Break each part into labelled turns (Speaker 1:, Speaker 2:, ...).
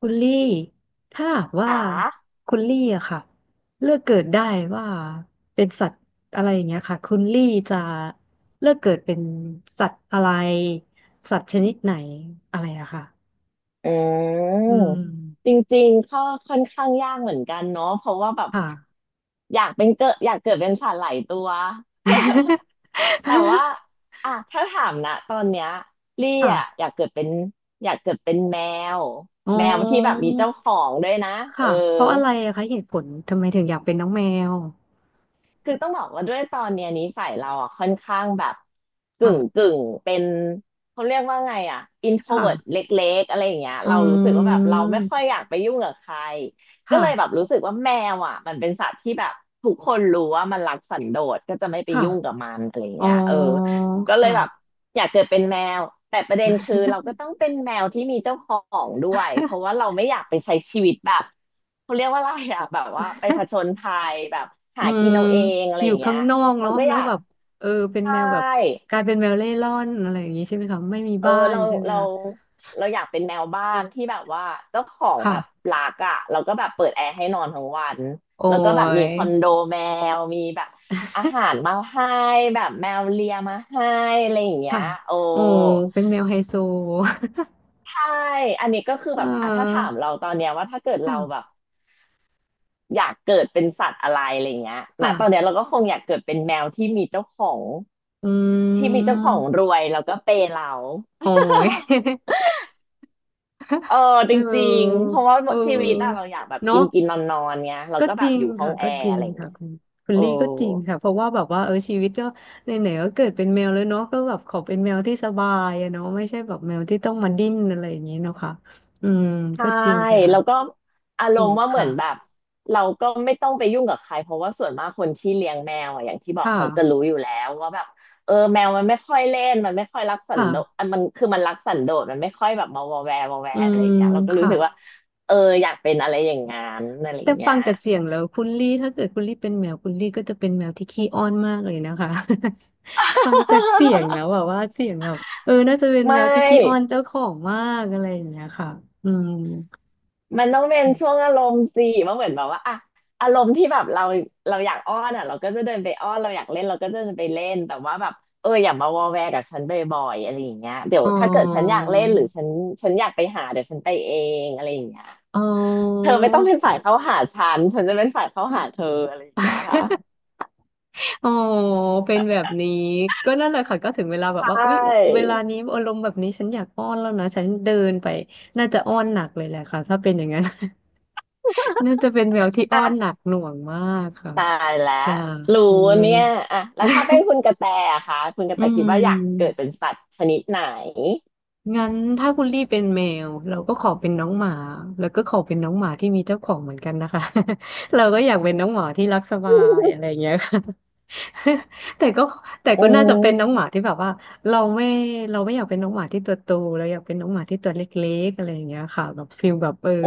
Speaker 1: คุณลี่ถ้าหากว่า
Speaker 2: ค่ะ
Speaker 1: คุณลี่อะค่ะเลือกเกิดได้ว่าเป็นสัตว์อะไรอย่างเงี้ยค่ะคุณลี่จะเลือกเกิดเป็นสัตว์อะไรสัตว์ชนิดไหนอะไรอะค่ะ
Speaker 2: อืม
Speaker 1: อืม
Speaker 2: จริงๆก็ค่อนข้างยากเหมือนกันเนาะเพราะว่าแบบ
Speaker 1: ค่ะ
Speaker 2: อยากเป็นเกิดอยากเกิดเป็นสัตว์หลายตัว แต่ว่า อ่ะถ้าถามนะ ตอนเนี้ยลี่
Speaker 1: ค่ะ
Speaker 2: อ่ะอยากเกิดเป็นอยากเกิดเป็นแมว
Speaker 1: อ๋อ
Speaker 2: แมวที่แบบมีเจ้าของด้วยนะ เออ
Speaker 1: ค่ะเพราะอะไรอะคะเหตุผลทำไมถึงอยากเป็นน้องแมว
Speaker 2: คือต้องบอกว่าด้วยตอนเนี้ยนิสัยเราอ่ะค่อนข้างแบบกึ่
Speaker 1: ค่ะ
Speaker 2: งกึ่งเป็นเขาเรียกว่าไงอ่ะ
Speaker 1: ค
Speaker 2: introvert เล
Speaker 1: ่ะ
Speaker 2: ็กๆอะไรอย่างเงี้ย
Speaker 1: อื
Speaker 2: เรารู้สึกว่าแบบเราไม่ค่อย
Speaker 1: ม
Speaker 2: อยากไปยุ่งกับใครก็เลยแบบ
Speaker 1: ค่ะ
Speaker 2: รู้สึกว่าแมวอ่ะมันเป็นสัตว์ที่แบบทุกคนรู้ว่ามันรักสันโดษก็จะไม่ไป
Speaker 1: ค่ะ
Speaker 2: ยุ่งกับมันอะไร
Speaker 1: อ๋อ
Speaker 2: เงี้ยเออก็เลยแบบ
Speaker 1: ค่ะ
Speaker 2: อยากเกิดเป็นแมวแต่ประเด็นคือเราก็ต้องเป็นแมวที่มีเจ้าของด้วยเพราะว่าเราไม่อยากไปใช้ชีวิตแบบ เขาเรียกว่าอะไรอะแบบว่าไปผ จญภัยแบบ
Speaker 1: อื
Speaker 2: หากิ
Speaker 1: ม
Speaker 2: นเอาเองอะไร
Speaker 1: อ
Speaker 2: อ
Speaker 1: ยู่
Speaker 2: ย่างเงี้
Speaker 1: ข้า
Speaker 2: ย
Speaker 1: งนอก
Speaker 2: เรา
Speaker 1: เนาะ
Speaker 2: ก็
Speaker 1: แล้
Speaker 2: อ
Speaker 1: ว
Speaker 2: ยาก
Speaker 1: แบบเออเป็น
Speaker 2: ใช่
Speaker 1: แมวแบบกลายเป็นแมวเร่ร่อนอะไรอย่างงี้ใช่ไหมคะไม่มี
Speaker 2: เออ
Speaker 1: บ้านใช่ไหม
Speaker 2: เรา
Speaker 1: คะ
Speaker 2: เราอยากเป็นแมวบ้านที่แบบว่าเจ้าของแบบ
Speaker 1: ค่ะ
Speaker 2: รักอะเราก็แบบเปิดแอร์ให้นอนทั้งวัน
Speaker 1: โอ้
Speaker 2: แล้วก็แบบมี
Speaker 1: ย
Speaker 2: คอนโดแมวมีแบบอาหารมาให้แบบแมวเลียมาให้อะไรอย่างเงี้
Speaker 1: ค่ะ
Speaker 2: ยโอ้
Speaker 1: โอ้เป็นแมวไฮโซ
Speaker 2: ใช่อันนี้ก็คือ
Speaker 1: เ
Speaker 2: แบบอ่ะถ้าถา
Speaker 1: ออ
Speaker 2: มเราตอนเนี้ยว่าถ้าเกิดเรา
Speaker 1: ค่ะ
Speaker 2: แบบ อยากเกิดเป็นสัตว์อะไรอะไรเงี้ยนะตอนเนี้ย
Speaker 1: ค่ะ
Speaker 2: เราก็คงอยากเกิดเป็นแมวที่มีเจ้าของ
Speaker 1: อื
Speaker 2: ที่มีเจ้าของร
Speaker 1: ม
Speaker 2: วยแล้วก็เปย์เรา
Speaker 1: โอ้ย
Speaker 2: เอ อจ
Speaker 1: เ
Speaker 2: ริง
Speaker 1: ออ
Speaker 2: ๆเพราะว่า
Speaker 1: เ
Speaker 2: ชีวิตอะเรา
Speaker 1: ออ
Speaker 2: อยากแบบกิ
Speaker 1: เนาะ
Speaker 2: นกินนอนนอนเงี้ยเรา
Speaker 1: ก็
Speaker 2: ก็
Speaker 1: จ
Speaker 2: แบบ
Speaker 1: ริง
Speaker 2: อยู่ห้อ
Speaker 1: ค่ะ
Speaker 2: งแอ
Speaker 1: ก็จ
Speaker 2: ร์
Speaker 1: ริ
Speaker 2: อะ
Speaker 1: ง
Speaker 2: ไร
Speaker 1: ค่ะ
Speaker 2: เงี้ย
Speaker 1: คุณคุณ
Speaker 2: โอ้
Speaker 1: ลี่ก็จริงค่ะเพราะว่าแบบว่าเออชีวิตก็ไหนๆก็เกิดเป็นแมวแล้วเนาะก็แบบขอเป็นแมวที่สบายอะเนาะไม่ใช่แบบแมวที่ต้องมาดิ้นอะไรอย่างนี้เนาะค่ะอืม
Speaker 2: ใช่
Speaker 1: ก็จริงค่ะ
Speaker 2: แล้วก็อาร
Speaker 1: ถู
Speaker 2: มณ์
Speaker 1: ก
Speaker 2: ว่าเหมือ
Speaker 1: ค่ะ
Speaker 2: นแบบเราก็ไม่ต้องไปยุ่งกับใครเพราะว่าส่วนมากคนที่เลี้ยงแมวอะอย่างที่บอก
Speaker 1: ค่ะ
Speaker 2: เขาจะรู้อยู่แล้วว่าแบบเออแมวมันไม่ค่อยเล่นมันไม่ค่อยรักสันโดษ
Speaker 1: ค่ะ
Speaker 2: อ่ะมันคือมันรักสันโดษมันไม่ค่อยแบบมาวอแวร์วอแว
Speaker 1: อื
Speaker 2: ร์อะไร
Speaker 1: ม
Speaker 2: อย่างเงี้ยเราก็รู้
Speaker 1: ค่ะ
Speaker 2: สึกว่าเอออยากเป็นอะไรอย่างงั้นอะไรอ
Speaker 1: แต่
Speaker 2: ย่างเงี้
Speaker 1: ฟั
Speaker 2: ย
Speaker 1: งจาก เสียงแล้วคุณลี่ถ้าเกิดคุณลี่เป็นแมวคุณลี่ก็จะเป็นแมวที่ขี้อ้อนมากเลยนะคะ ฟังจากเสียงแล้วอะว่าเสียงแบบเออน่าจะเป็น
Speaker 2: ไม
Speaker 1: แมวที่ขี้อ้อน
Speaker 2: ่
Speaker 1: เจ้าของมากอะไรอย่างเงี้ยค่ะอืม
Speaker 2: มันต้องเป็นช่วงอารมณ์สิมันเหมือนแบบว่าอะอารมณ์ที่แบบเราอยากอ้อนอะเราก็จะเดินไปอ้อนเราอยากเล่นเราก็จะเดินไปเล่นแต่ว่าแบบเอออย่ามาวอแวกับฉันบ่อยๆอะไรอย่างเงี้ยเดี๋ยว
Speaker 1: อ๋อ
Speaker 2: ถ้าเกิดฉันอยากเล่นหรือฉันอยากไปหาเดี๋ยวฉันไปเองอะไรอย่างเงี้ย
Speaker 1: อ๋อ
Speaker 2: เธอไม่ต้องเป็นฝ่ายเข้าหาฉันฉันจะเป็นฝ่ายเข้าหาเธออะไรอย่างเงี้ยค่ะ
Speaker 1: อ๋อเป็นแบบนี้ก็นั่นแหละค่ะก็ถึงเวลาแบบว่า
Speaker 2: ใช่
Speaker 1: อุ๊ยเวลานี้อารมณ์แบบนี้ฉันอยากอ้อนแล้วนะฉันเดินไปน่าจะอ้อนหนักเลยแหละค่ะถ้าเป็นอย่างนั้น น่าจะเป็นแมวที่อ้อ
Speaker 2: อ่ะ
Speaker 1: นหนักหน่วงมากค่ะ
Speaker 2: ตายแล้ว
Speaker 1: ค่ะ
Speaker 2: รู้
Speaker 1: อืม
Speaker 2: เนี่ยอ่ะแล้วถ้าเป็นคุณกระแตอะคะคุณกระ
Speaker 1: อื
Speaker 2: แตคิดว่าอยาก
Speaker 1: ม
Speaker 2: เกิดเป็นสัตว์ชนิดไหน
Speaker 1: งั้นถ้าคุณลี่เป็นแมวเราก็ขอเป็นน้องหมาแล้วก็ขอเป็นน้องหมาที่มีเจ้าของเหมือนกันนะคะ เราก็อยากเป็นน้องหมาที่รักสบายอะไรอย่างเงี้ยค่ะ แต่ก็แต่
Speaker 2: อื
Speaker 1: ก็น่าจะเป็นน้อง
Speaker 2: ม
Speaker 1: หมาที่แบบว่าเราไม่เราไม่อยากเป็นน้องหมาที่ตัวโตเราอยากเป็นน้องหมาที่ตัวเล็กๆอะไรอย่างเงี้ยค่ะแบบฟิลแบบเออ
Speaker 2: โอ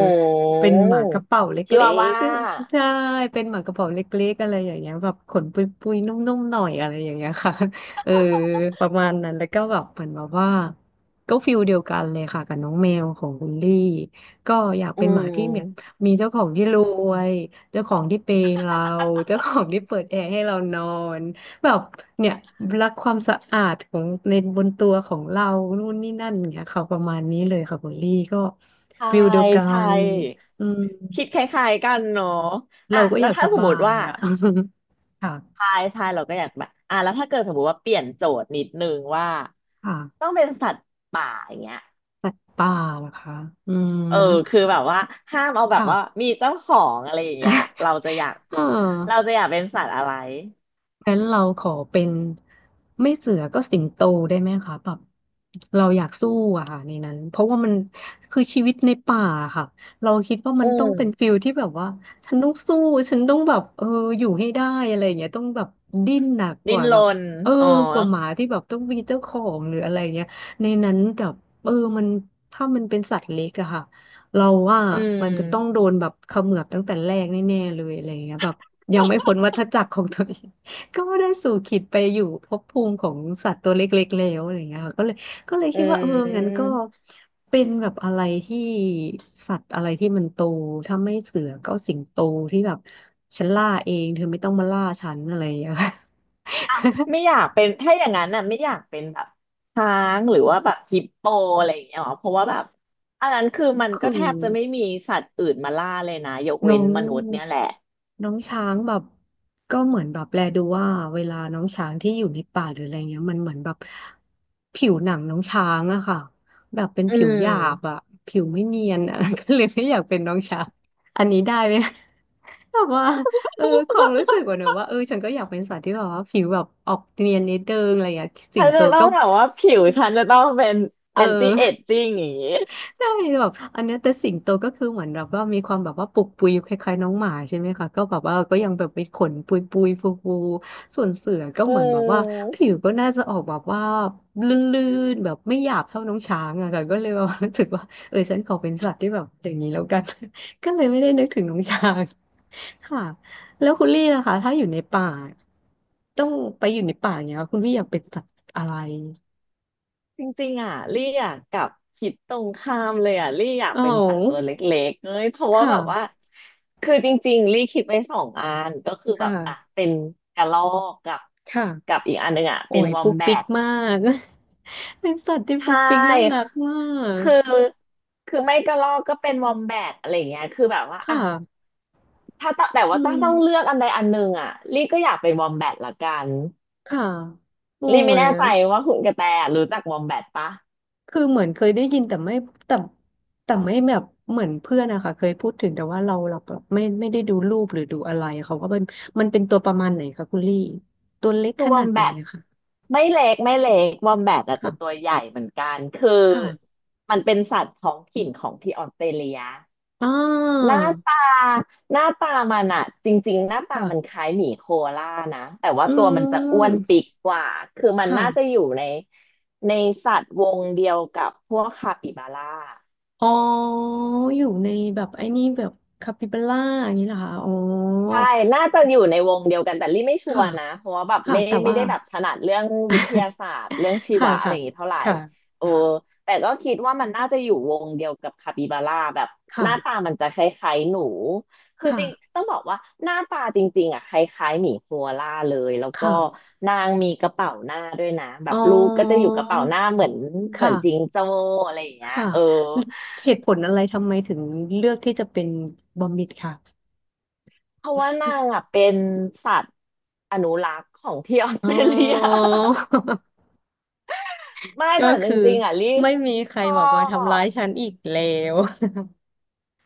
Speaker 1: เป็
Speaker 2: ้
Speaker 1: นหมากระเป๋าเล
Speaker 2: ชิ
Speaker 1: ็
Speaker 2: วา
Speaker 1: ก
Speaker 2: ว่า
Speaker 1: ๆใช่เป็นหมากระเป๋าเล็กๆอะไรอย่างเงี้ยแบบขนปุยๆนุ่มๆหน่อยอะไรอย่างเงี้ยค่ะ เออประมาณนั้นแล้วก็แบบเหมือนแบบว่าก็ฟิลเดียวกันเลยค่ะกับน้องแมวของคุณลี่ก็อยาก
Speaker 2: อื
Speaker 1: เป็นหมาที่เหมียว
Speaker 2: ม
Speaker 1: มีเจ้าของที่รวยเจ้าของที่เปย์เราเจ้าของที่เปิดแอร์ให้เรานอนแบบเนี่ยรักความสะอาดของในบนตัวของเรา นู่นนี่นั่นเนี่ยค่ะประมาณนี้เลยค่ะคุณลี่ก็
Speaker 2: ใช่
Speaker 1: ฟิลเดียวกั
Speaker 2: ใช่
Speaker 1: นอืม
Speaker 2: คิดคล้ายๆกันเนาะ
Speaker 1: เรา
Speaker 2: อ่ะ
Speaker 1: ก็
Speaker 2: แล้
Speaker 1: อ
Speaker 2: ว
Speaker 1: ยาก
Speaker 2: ถ้า
Speaker 1: ส
Speaker 2: สม
Speaker 1: บา
Speaker 2: มติ
Speaker 1: ย
Speaker 2: ว่า
Speaker 1: อ่ะ ค่ะ
Speaker 2: ใช่ใช่เราก็อยากแบบอ่ะแล้วถ้าเกิดสมมติว่าเปลี่ยนโจทย์นิดนึงว่าต้
Speaker 1: ค่ะ
Speaker 2: องเป็นสัตว์ป่าอย่างเงี้ย
Speaker 1: สัตว์ป่าเหรอคะอืม
Speaker 2: เออคือแบบว่าห้ามเอาแบบว่า
Speaker 1: ค่ะ
Speaker 2: มีเจ้าของอะไรอย่างเงี้ยเราจะอยาก
Speaker 1: เอ
Speaker 2: เรา
Speaker 1: อ
Speaker 2: จะอยากเป็นสัตว์อะไร
Speaker 1: งั้นเราขอเป็นไม่เสือก็สิงโตได้ไหมคะแบบเราอยากสู้อะค่ะในนั้นเพราะว่ามันคือชีวิตในป่าค่ะเราคิดว่ามั
Speaker 2: อื
Speaker 1: นต้อง
Speaker 2: ม
Speaker 1: เป็นฟิลที่แบบว่าฉันต้องสู้ฉันต้องแบบเอออยู่ให้ได้อะไรอย่างเงี้ยต้องแบบดิ้นหนักก
Speaker 2: ดิ้น
Speaker 1: ว่า
Speaker 2: ร
Speaker 1: แบบ
Speaker 2: น
Speaker 1: เออ
Speaker 2: อ๋อ
Speaker 1: กว่าหมาที่แบบต้องมีเจ้าของหรืออะไรเงี้ยในนั้นแบบเออมันถ้ามันเป็นสัตว์เล็กอะค่ะเราว่า
Speaker 2: อื
Speaker 1: มันจะต้องโด
Speaker 2: ม
Speaker 1: นแบบเขมือบตั้งแต่แรกแน่ๆเลยอะไรอย่างเงี้ยแบบยังไม่พ้นวัฏจักรของตัวเอง ก็ได้สู่ขิตไปอยู่ภพภูมิของสัตว์ตัวเล็กๆแล้วอะไรเงี้ยค่ะก็เลยก็เลย
Speaker 2: อื
Speaker 1: คิดว่าเอองั้นก็
Speaker 2: ม
Speaker 1: เป็นแบบอะไรที่สัตว์อะไรที่มันโตถ้าไม่เสือก็สิงโตที่แบบฉันล่าเองเธอไม่ต้องมาล่าฉันอะไรอย่างเงี้ยค
Speaker 2: ไม่อยากเป็นถ้าอย่างนั้นน่ะไม่อยากเป็นแบบช้างหรือว่าแบบฮิปโปอะไรอย่างเงี้ยหรอเพราะว่าแบบอันนั้นคือมัน
Speaker 1: คื
Speaker 2: ก็
Speaker 1: อ
Speaker 2: แทบจะไม่มีสัตว์อื่นมาล่าเลยนะยก
Speaker 1: น้
Speaker 2: เว้
Speaker 1: อ
Speaker 2: น
Speaker 1: ง
Speaker 2: มนุษย์เนี่ยแหละ
Speaker 1: น้องช้างแบบก็เหมือนแบบแลดูว่าเวลาน้องช้างที่อยู่ในป่าหรืออะไรเงี้ยมันเหมือนแบบผิวหนังน้องช้างอะค่ะแบบเป็น
Speaker 2: อื
Speaker 1: ผิว
Speaker 2: ม
Speaker 1: หยาบอะผิวไม่เนียนอะ ก็เลยไม่อยากเป็นน้องช้างอันนี้ได้ไหมแบบว่าเออความรู้สึกว่าเนอะว่าเออฉันก็อยากเป็นสัตว์ที่แบบว่าผิวแบบออกเนียนนิดเดิงอะไรอย่างเงี้ยสิ
Speaker 2: ฉั
Speaker 1: ง
Speaker 2: น
Speaker 1: โต
Speaker 2: จะต้อ
Speaker 1: ก็
Speaker 2: งถามว่าผิวฉันจะต้องเป็น
Speaker 1: เอ
Speaker 2: แอนตี้เอจ
Speaker 1: อ
Speaker 2: จิ้งอย่างงี้
Speaker 1: ใช่แบบอันเนี้ยแต่สิงโตก็คือเหมือนแบบว่ามีความแบบว่าปุกปุยคล้ายๆน้องหมาใช่ไหมคะก็แบบว่าก็ยังแบบไปขนปุยปุยฟูฟูส่วนเสือก็
Speaker 2: อื
Speaker 1: เหมือนแบบว่าผิ
Speaker 2: ม
Speaker 1: วก็น่าจะออกแบบว่าลื่นๆแบบไม่หยาบเท่าน้องช้างอะค่ะก็เลยแบบว่ารู้สึกว่าเออฉันขอเป็นสัตว์ที่แบบอย่างนี้แล้วกัน ก็เลยไม่ได้นึกถึงน้องช้าง ค่ะแล้วคุณลี่ล่ะคะถ้าอยู่ในป่าต้องไปอยู่ในป่าอย่างเงี้ยคุณลี่อยากเป็นสัตว์อะไร
Speaker 2: จริงๆอ่ะลี่อยากกลับคิดตรงข้ามเลยอ่ะลี่อยาก
Speaker 1: อ๋อ
Speaker 2: เป็นสัตว์ตัวเล็กๆเอ้ยเพราะ
Speaker 1: ค
Speaker 2: ว่าแบบว่า
Speaker 1: ่ะ
Speaker 2: คือจริงๆลี่คิดไว้สองอันก็คือแบบอ่ะ
Speaker 1: ค่ะ
Speaker 2: เป็นกระรอกกับ
Speaker 1: ค่ะ
Speaker 2: กับอีกอันหนึ่งอ่ะ
Speaker 1: โอ้
Speaker 2: เป็น
Speaker 1: ย
Speaker 2: วอม
Speaker 1: ปุ๊ก
Speaker 2: แบ
Speaker 1: ปิ๊ก
Speaker 2: ท
Speaker 1: มาก เป็นสัตว์ที่
Speaker 2: ใช
Speaker 1: ปุ๊กปิ๊กน่ารั
Speaker 2: ่
Speaker 1: กมาก
Speaker 2: คือคือไม่กระรอกก็เป็นวอมแบทอะไรยาเงี้ยคือแบบว่า
Speaker 1: ค
Speaker 2: อะ
Speaker 1: ่ะ
Speaker 2: ถ้าตแต่
Speaker 1: อื
Speaker 2: ว่าถ้าต้องเลื
Speaker 1: ม
Speaker 2: อกอันใดอันหนึ่งอะลี่ก็อยากเป็นวอมแบทละกัน
Speaker 1: ค่ะโอ้
Speaker 2: ลี่ไม่
Speaker 1: ย
Speaker 2: แน่ใจว่าคุณกระแตรู้จักวอมแบทปะ
Speaker 1: คือเหมือนเคยได้ยินแต่ไม่แต่แต่ไม่แบบเหมือนเพื่อนนะคะเคยพูดถึงแต่ว่าเราแบบไม่ได้ดูรูปหรือดูอะไรเขาก็เป็นมันเป็นตัวประมาณไหนคะคุณลี่ตัวเล็ก
Speaker 2: คื
Speaker 1: ข
Speaker 2: อวอ
Speaker 1: นา
Speaker 2: ม
Speaker 1: ดไห
Speaker 2: แบ
Speaker 1: น
Speaker 2: ท
Speaker 1: อะคะ
Speaker 2: ไม่เล็กวอมแบทอาจจะ
Speaker 1: ค่ะ
Speaker 2: ตัวใหญ่เหมือนกันคือ
Speaker 1: ค่ะ
Speaker 2: มันเป็นสัตว์ท้องถิ่นของที่ออสเตรเลีย
Speaker 1: อ่
Speaker 2: ห
Speaker 1: า
Speaker 2: น้าตาหน้าตามันอะจริงๆหน้าตา
Speaker 1: ค่
Speaker 2: มันค
Speaker 1: ะ
Speaker 2: ล้ายหมีโคอาล่านะแต่ว่า
Speaker 1: อื
Speaker 2: ตัวมันจะอ้วน
Speaker 1: ม
Speaker 2: ปีกกว่าคือมัน
Speaker 1: ค่ะ
Speaker 2: น่าจะอยู่ในในสัตว์วงเดียวกับพวกคาปิบาร่า
Speaker 1: อ๋ออยู่ในแบบไอ้นี่แบบคาปิบาร่าอย่างนี้เหรอคะอ๋อ
Speaker 2: ใช่น่าจะอยู่ในวงเดียวกันแต่ลี่ไม่ชัว
Speaker 1: ค่ะ
Speaker 2: ร์นะเพราะว่าแบบ
Speaker 1: ค่ะ
Speaker 2: ไม่
Speaker 1: แต่
Speaker 2: ไม่
Speaker 1: ว่า
Speaker 2: ได้แบบถนัดเรื่องวิทยาศาสตร์เรื่องชี
Speaker 1: ค่ะ
Speaker 2: วะอะไร
Speaker 1: ค่ะ
Speaker 2: อย่างงี้เท่าไหร่
Speaker 1: ค่ะ
Speaker 2: เออ
Speaker 1: ค่ะ
Speaker 2: แต่ก็คิดว่ามันน่าจะอยู่วงเดียวกับคาปิบาร่าแบบ
Speaker 1: ค่
Speaker 2: หน้าตามันจะคล้ายๆหนูคือ
Speaker 1: ะ
Speaker 2: จริงต้องบอกว่าหน้าตาจริงๆอ่ะคล้ายๆหมีโคอาล่าเลยแล้วก็
Speaker 1: ค่ะ
Speaker 2: นางมีกระเป๋าหน้าด้วยนะแบ
Speaker 1: อ๋อ
Speaker 2: บลูกก็จะอยู่กระเป๋าหน้าเหมือน
Speaker 1: ค
Speaker 2: เหมือนจิง
Speaker 1: ่ะ
Speaker 2: โจ้อะไรอย่าง
Speaker 1: ค
Speaker 2: เงี้ยเออ
Speaker 1: ่ะเหตุผลอะไรทำไมถึงเลือกที่จะเป็นบอมบิดค่ะ
Speaker 2: เพราะว่านางอ่ะเป็นสัตว์อนุรักษ์ของที่ออส
Speaker 1: อ๋
Speaker 2: เตรเลีย
Speaker 1: อ
Speaker 2: ไม่
Speaker 1: ก็
Speaker 2: แต่จ
Speaker 1: คือ
Speaker 2: ริงๆอ่ะลี่
Speaker 1: ไม่มีใค
Speaker 2: ช
Speaker 1: ร
Speaker 2: อ
Speaker 1: แบบมาทำร้า
Speaker 2: บ
Speaker 1: ยฉันอีกแล้ว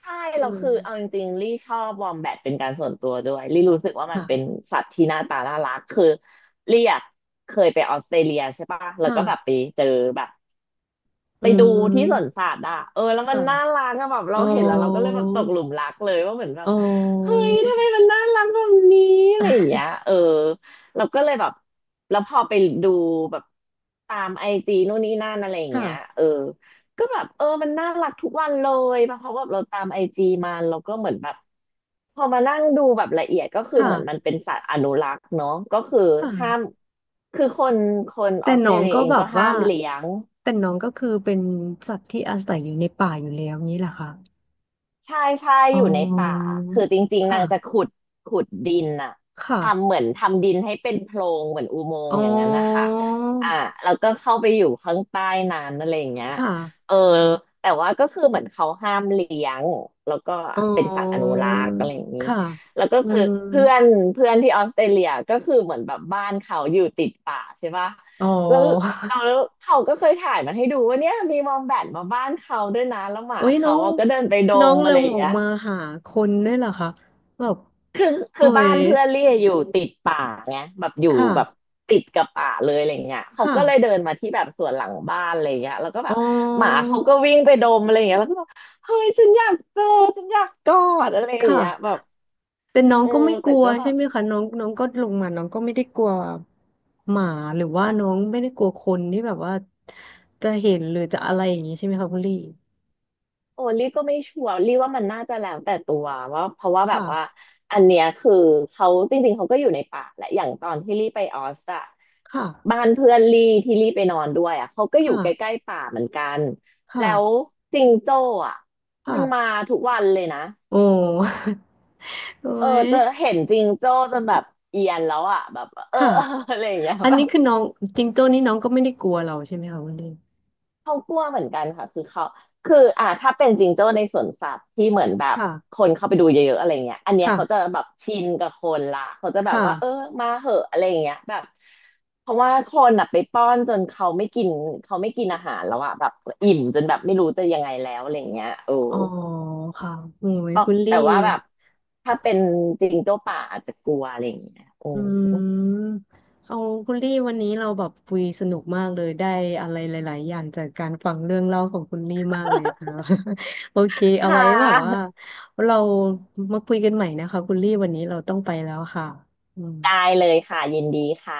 Speaker 2: ใช่
Speaker 1: อื
Speaker 2: แล้วคือเอา
Speaker 1: ม
Speaker 2: จริงๆลี่ชอบวอมแบทเป็นการส่วนตัวด้วยลี่รู้สึกว่ามันเป็น
Speaker 1: ค่ะ
Speaker 2: สัตว์ที่หน้าตาน่ารักคือลี่อะเคยไปออสเตรเลียใช่ปะแล้วก็แบบไป
Speaker 1: ค่ะ
Speaker 2: เจอแบบ
Speaker 1: อื
Speaker 2: ไปดูที่สวน
Speaker 1: ม
Speaker 2: สัตว์อ่ะเออแล้วมัน
Speaker 1: ค่ะ
Speaker 2: น่ารักอะแบบ
Speaker 1: อ๋
Speaker 2: เรา
Speaker 1: อ
Speaker 2: เห็นแล้วเราก็เลยแบบตกหลุมรักเลยว่าเหมือนแบ
Speaker 1: อ๋
Speaker 2: บ
Speaker 1: อ
Speaker 2: เฮ้ยทำไมมันน่ารักแบบนี้อะ
Speaker 1: อ่
Speaker 2: ไรอย่าง
Speaker 1: ะ
Speaker 2: เงี้ยเออเราก็เลยแบบแล้วพอไปดูแบบตามไอจีนู่นนี่นั่นอะไรอย่างเงี้ย
Speaker 1: ค่ะ
Speaker 2: เออก็แบบเออมันน่ารักทุกวันเลยเพราะว่าเราตามไอจีมาเราก็เหมือนแบบพอมานั่งดูแบบละเอียดก็คือเหมือนมัน
Speaker 1: ค่ะ
Speaker 2: เป็นสัตว์อนุรักษ์เนาะก็คือห้าม
Speaker 1: ค่ะ
Speaker 2: คือคนอ
Speaker 1: แต่
Speaker 2: อสเต
Speaker 1: น้
Speaker 2: ร
Speaker 1: อง
Speaker 2: เลีย
Speaker 1: ก็
Speaker 2: เอง
Speaker 1: แบ
Speaker 2: ก็
Speaker 1: บ
Speaker 2: ห้า
Speaker 1: ว่า
Speaker 2: มเลี้ยง
Speaker 1: แต่น้องก็คือเป็นสัตว์ที่อาศัยอยู่ในป่าอยู่แล้วนี้แหละค่ะ
Speaker 2: ใช่ใช่
Speaker 1: อ๋
Speaker 2: อ
Speaker 1: อ
Speaker 2: ยู่ในป่าคือจริงๆนางจะ
Speaker 1: ค่ะ
Speaker 2: ขุดดินน่ะทำ
Speaker 1: ค่ะ
Speaker 2: เหมือนทำดินให้เป็นโพรงเหมือนอุโมง
Speaker 1: อ๋อ
Speaker 2: ค์อย่างนั้นนะคะอ่าแล้วก็เข้าไปอยู่ข้างใต้นั้นอะไรอย่างเงี้ย
Speaker 1: ค่ะ
Speaker 2: เออแต่ว่าก็คือเหมือนเขาห้ามเลี้ยงแล้วก็
Speaker 1: อ๋
Speaker 2: เป็นสัตว์อนุ
Speaker 1: อ
Speaker 2: รักษ์อะไรอย่างนี้
Speaker 1: ค่ะ
Speaker 2: แล้วก็
Speaker 1: อื
Speaker 2: คือ
Speaker 1: ม
Speaker 2: เพื่อนเพื่อนที่ออสเตรเลียก็คือเหมือนแบบบ้านเขาอยู่ติดป่าใช่ปะ
Speaker 1: อ๋
Speaker 2: แล้ว
Speaker 1: อ
Speaker 2: เอาแล้วเขาก็เคยถ่ายมาให้ดูว่าเนี่ยมีวอมแบทมาบ้านเขาด้วยนะแล้วห มา
Speaker 1: โอ้ยน้
Speaker 2: เขา
Speaker 1: อง
Speaker 2: อะก็เดินไปด
Speaker 1: น้อ
Speaker 2: ม
Speaker 1: ง
Speaker 2: อะ
Speaker 1: เริ่
Speaker 2: ไร
Speaker 1: ม
Speaker 2: อย่าง
Speaker 1: ออก
Speaker 2: เงี้ย
Speaker 1: มาหาคนด้วยเหรอคะแบบ
Speaker 2: คือคื
Speaker 1: โอ้
Speaker 2: อบ้า
Speaker 1: ย
Speaker 2: นเพื่อนเลี่ยอยู่ติดป่าไงแบบอยู่แบบ
Speaker 1: ค่ะ
Speaker 2: ติดกับป่าเลยอะไรเงี้ยเขา
Speaker 1: ค่ะ
Speaker 2: ก็เลยเดินมาที่แบบสวนหลังบ้านอะไรเงี้ยแล้วก็แบ
Speaker 1: อ๋อ
Speaker 2: บหมาเขาก็วิ่งไปดมอะไรเงี้ยแล้วก็แบบเฮ้ยฉันอยากเจอฉันอยากกอดอะไรอย่างเงี้ยแบ
Speaker 1: ค่ะ
Speaker 2: บ
Speaker 1: แต่น้อง
Speaker 2: โอ้
Speaker 1: ก็ไม่ก
Speaker 2: แต่
Speaker 1: ลัว
Speaker 2: ก็แบ
Speaker 1: ใช่
Speaker 2: บ
Speaker 1: ไหมคะน้องน้องก็ลงมาน้องก็ไม่ได้กลัวหมาหรือว่าน้องไม่ได้กลัวคนที่แบบว่าจะเห็นหรือจะอะไรอย่างนี้ใช่ไหมคะคุณลี่
Speaker 2: โอ้ลี่ก็ไม่ชัวร์ลี่ว่ามันน่าจะแล้วแต่ตัวว่าเพราะว่าแบบว่า
Speaker 1: ค่ะ
Speaker 2: อันเนี้ยคือเขาจริงๆเขาก็อยู่ในป่าแหละอย่างตอนที่ลี่ไปออสอะ
Speaker 1: ค่ะ
Speaker 2: บ้านเพื่อนลี่ที่ลี่ไปนอนด้วยอะเขาก็อยู่
Speaker 1: ค่ะ
Speaker 2: ใกล้ๆป่าเหมือนกัน
Speaker 1: ค่ะ
Speaker 2: แล้วจิงโจ้อะมันมา
Speaker 1: ค่ะ
Speaker 2: ทุกวันเลยนะ
Speaker 1: โอ้ โอ้
Speaker 2: เออเจะ
Speaker 1: ย
Speaker 2: เห็นจิงโจ้จนแบบเอียนแล้วอะแบบเออ
Speaker 1: ค่ะ
Speaker 2: เอออะไรอย่างเงี้ย
Speaker 1: อัน
Speaker 2: แบ
Speaker 1: นี้
Speaker 2: บ
Speaker 1: คือน้องจิงโจ้นี่น้องก็ไม่ได้กลัวเราใช่ไหมคะคุณลี่
Speaker 2: เขากลัวเหมือนกันค่ะคือเขาคืออ่าถ้าเป็นจิงโจ้ในสวนสัตว์ที่เหมือนแบบ
Speaker 1: ค่ะ
Speaker 2: คนเข้าไปดูเยอะๆอะไรเงี้ยอันเนี้ยเขาจะ
Speaker 1: ค่ะ
Speaker 2: แบบชินกับคนละเขาจะแบบ
Speaker 1: ค่ะ
Speaker 2: ว่าเออมาเหอะอะไรเงี้ยแบบเพราะว่าคนอ่ะไปป้อนจนเขาไม่กินอาหารแล้วอะแบบอิ่มจนแบบไม่รู้จะยังไงแล้วอะไรเงี้ยโอ้
Speaker 1: อ๋อค่ะโอ้ย
Speaker 2: ก็
Speaker 1: คุณลี่
Speaker 2: แต่ว่าแบบถ้าเป็นจิงโจ้ป่าอาจจะกลัวอะไรเงี้ยโอ้
Speaker 1: อืมเอาคุณลี่วันนี้เราแบบคุยสนุกมากเลยได้อะไรหลายๆอย่างจากการฟังเรื่องเล่าของคุณลี่มากเลยค่ะ โอเคเอา
Speaker 2: ค่
Speaker 1: ไว้แบบว่า
Speaker 2: ะ
Speaker 1: เรามาคุยกันใหม่นะคะคุณลี่วันนี้เราต้องไปแล้วค่ะอืม
Speaker 2: ได้เลยค่ะยินดีค่ะ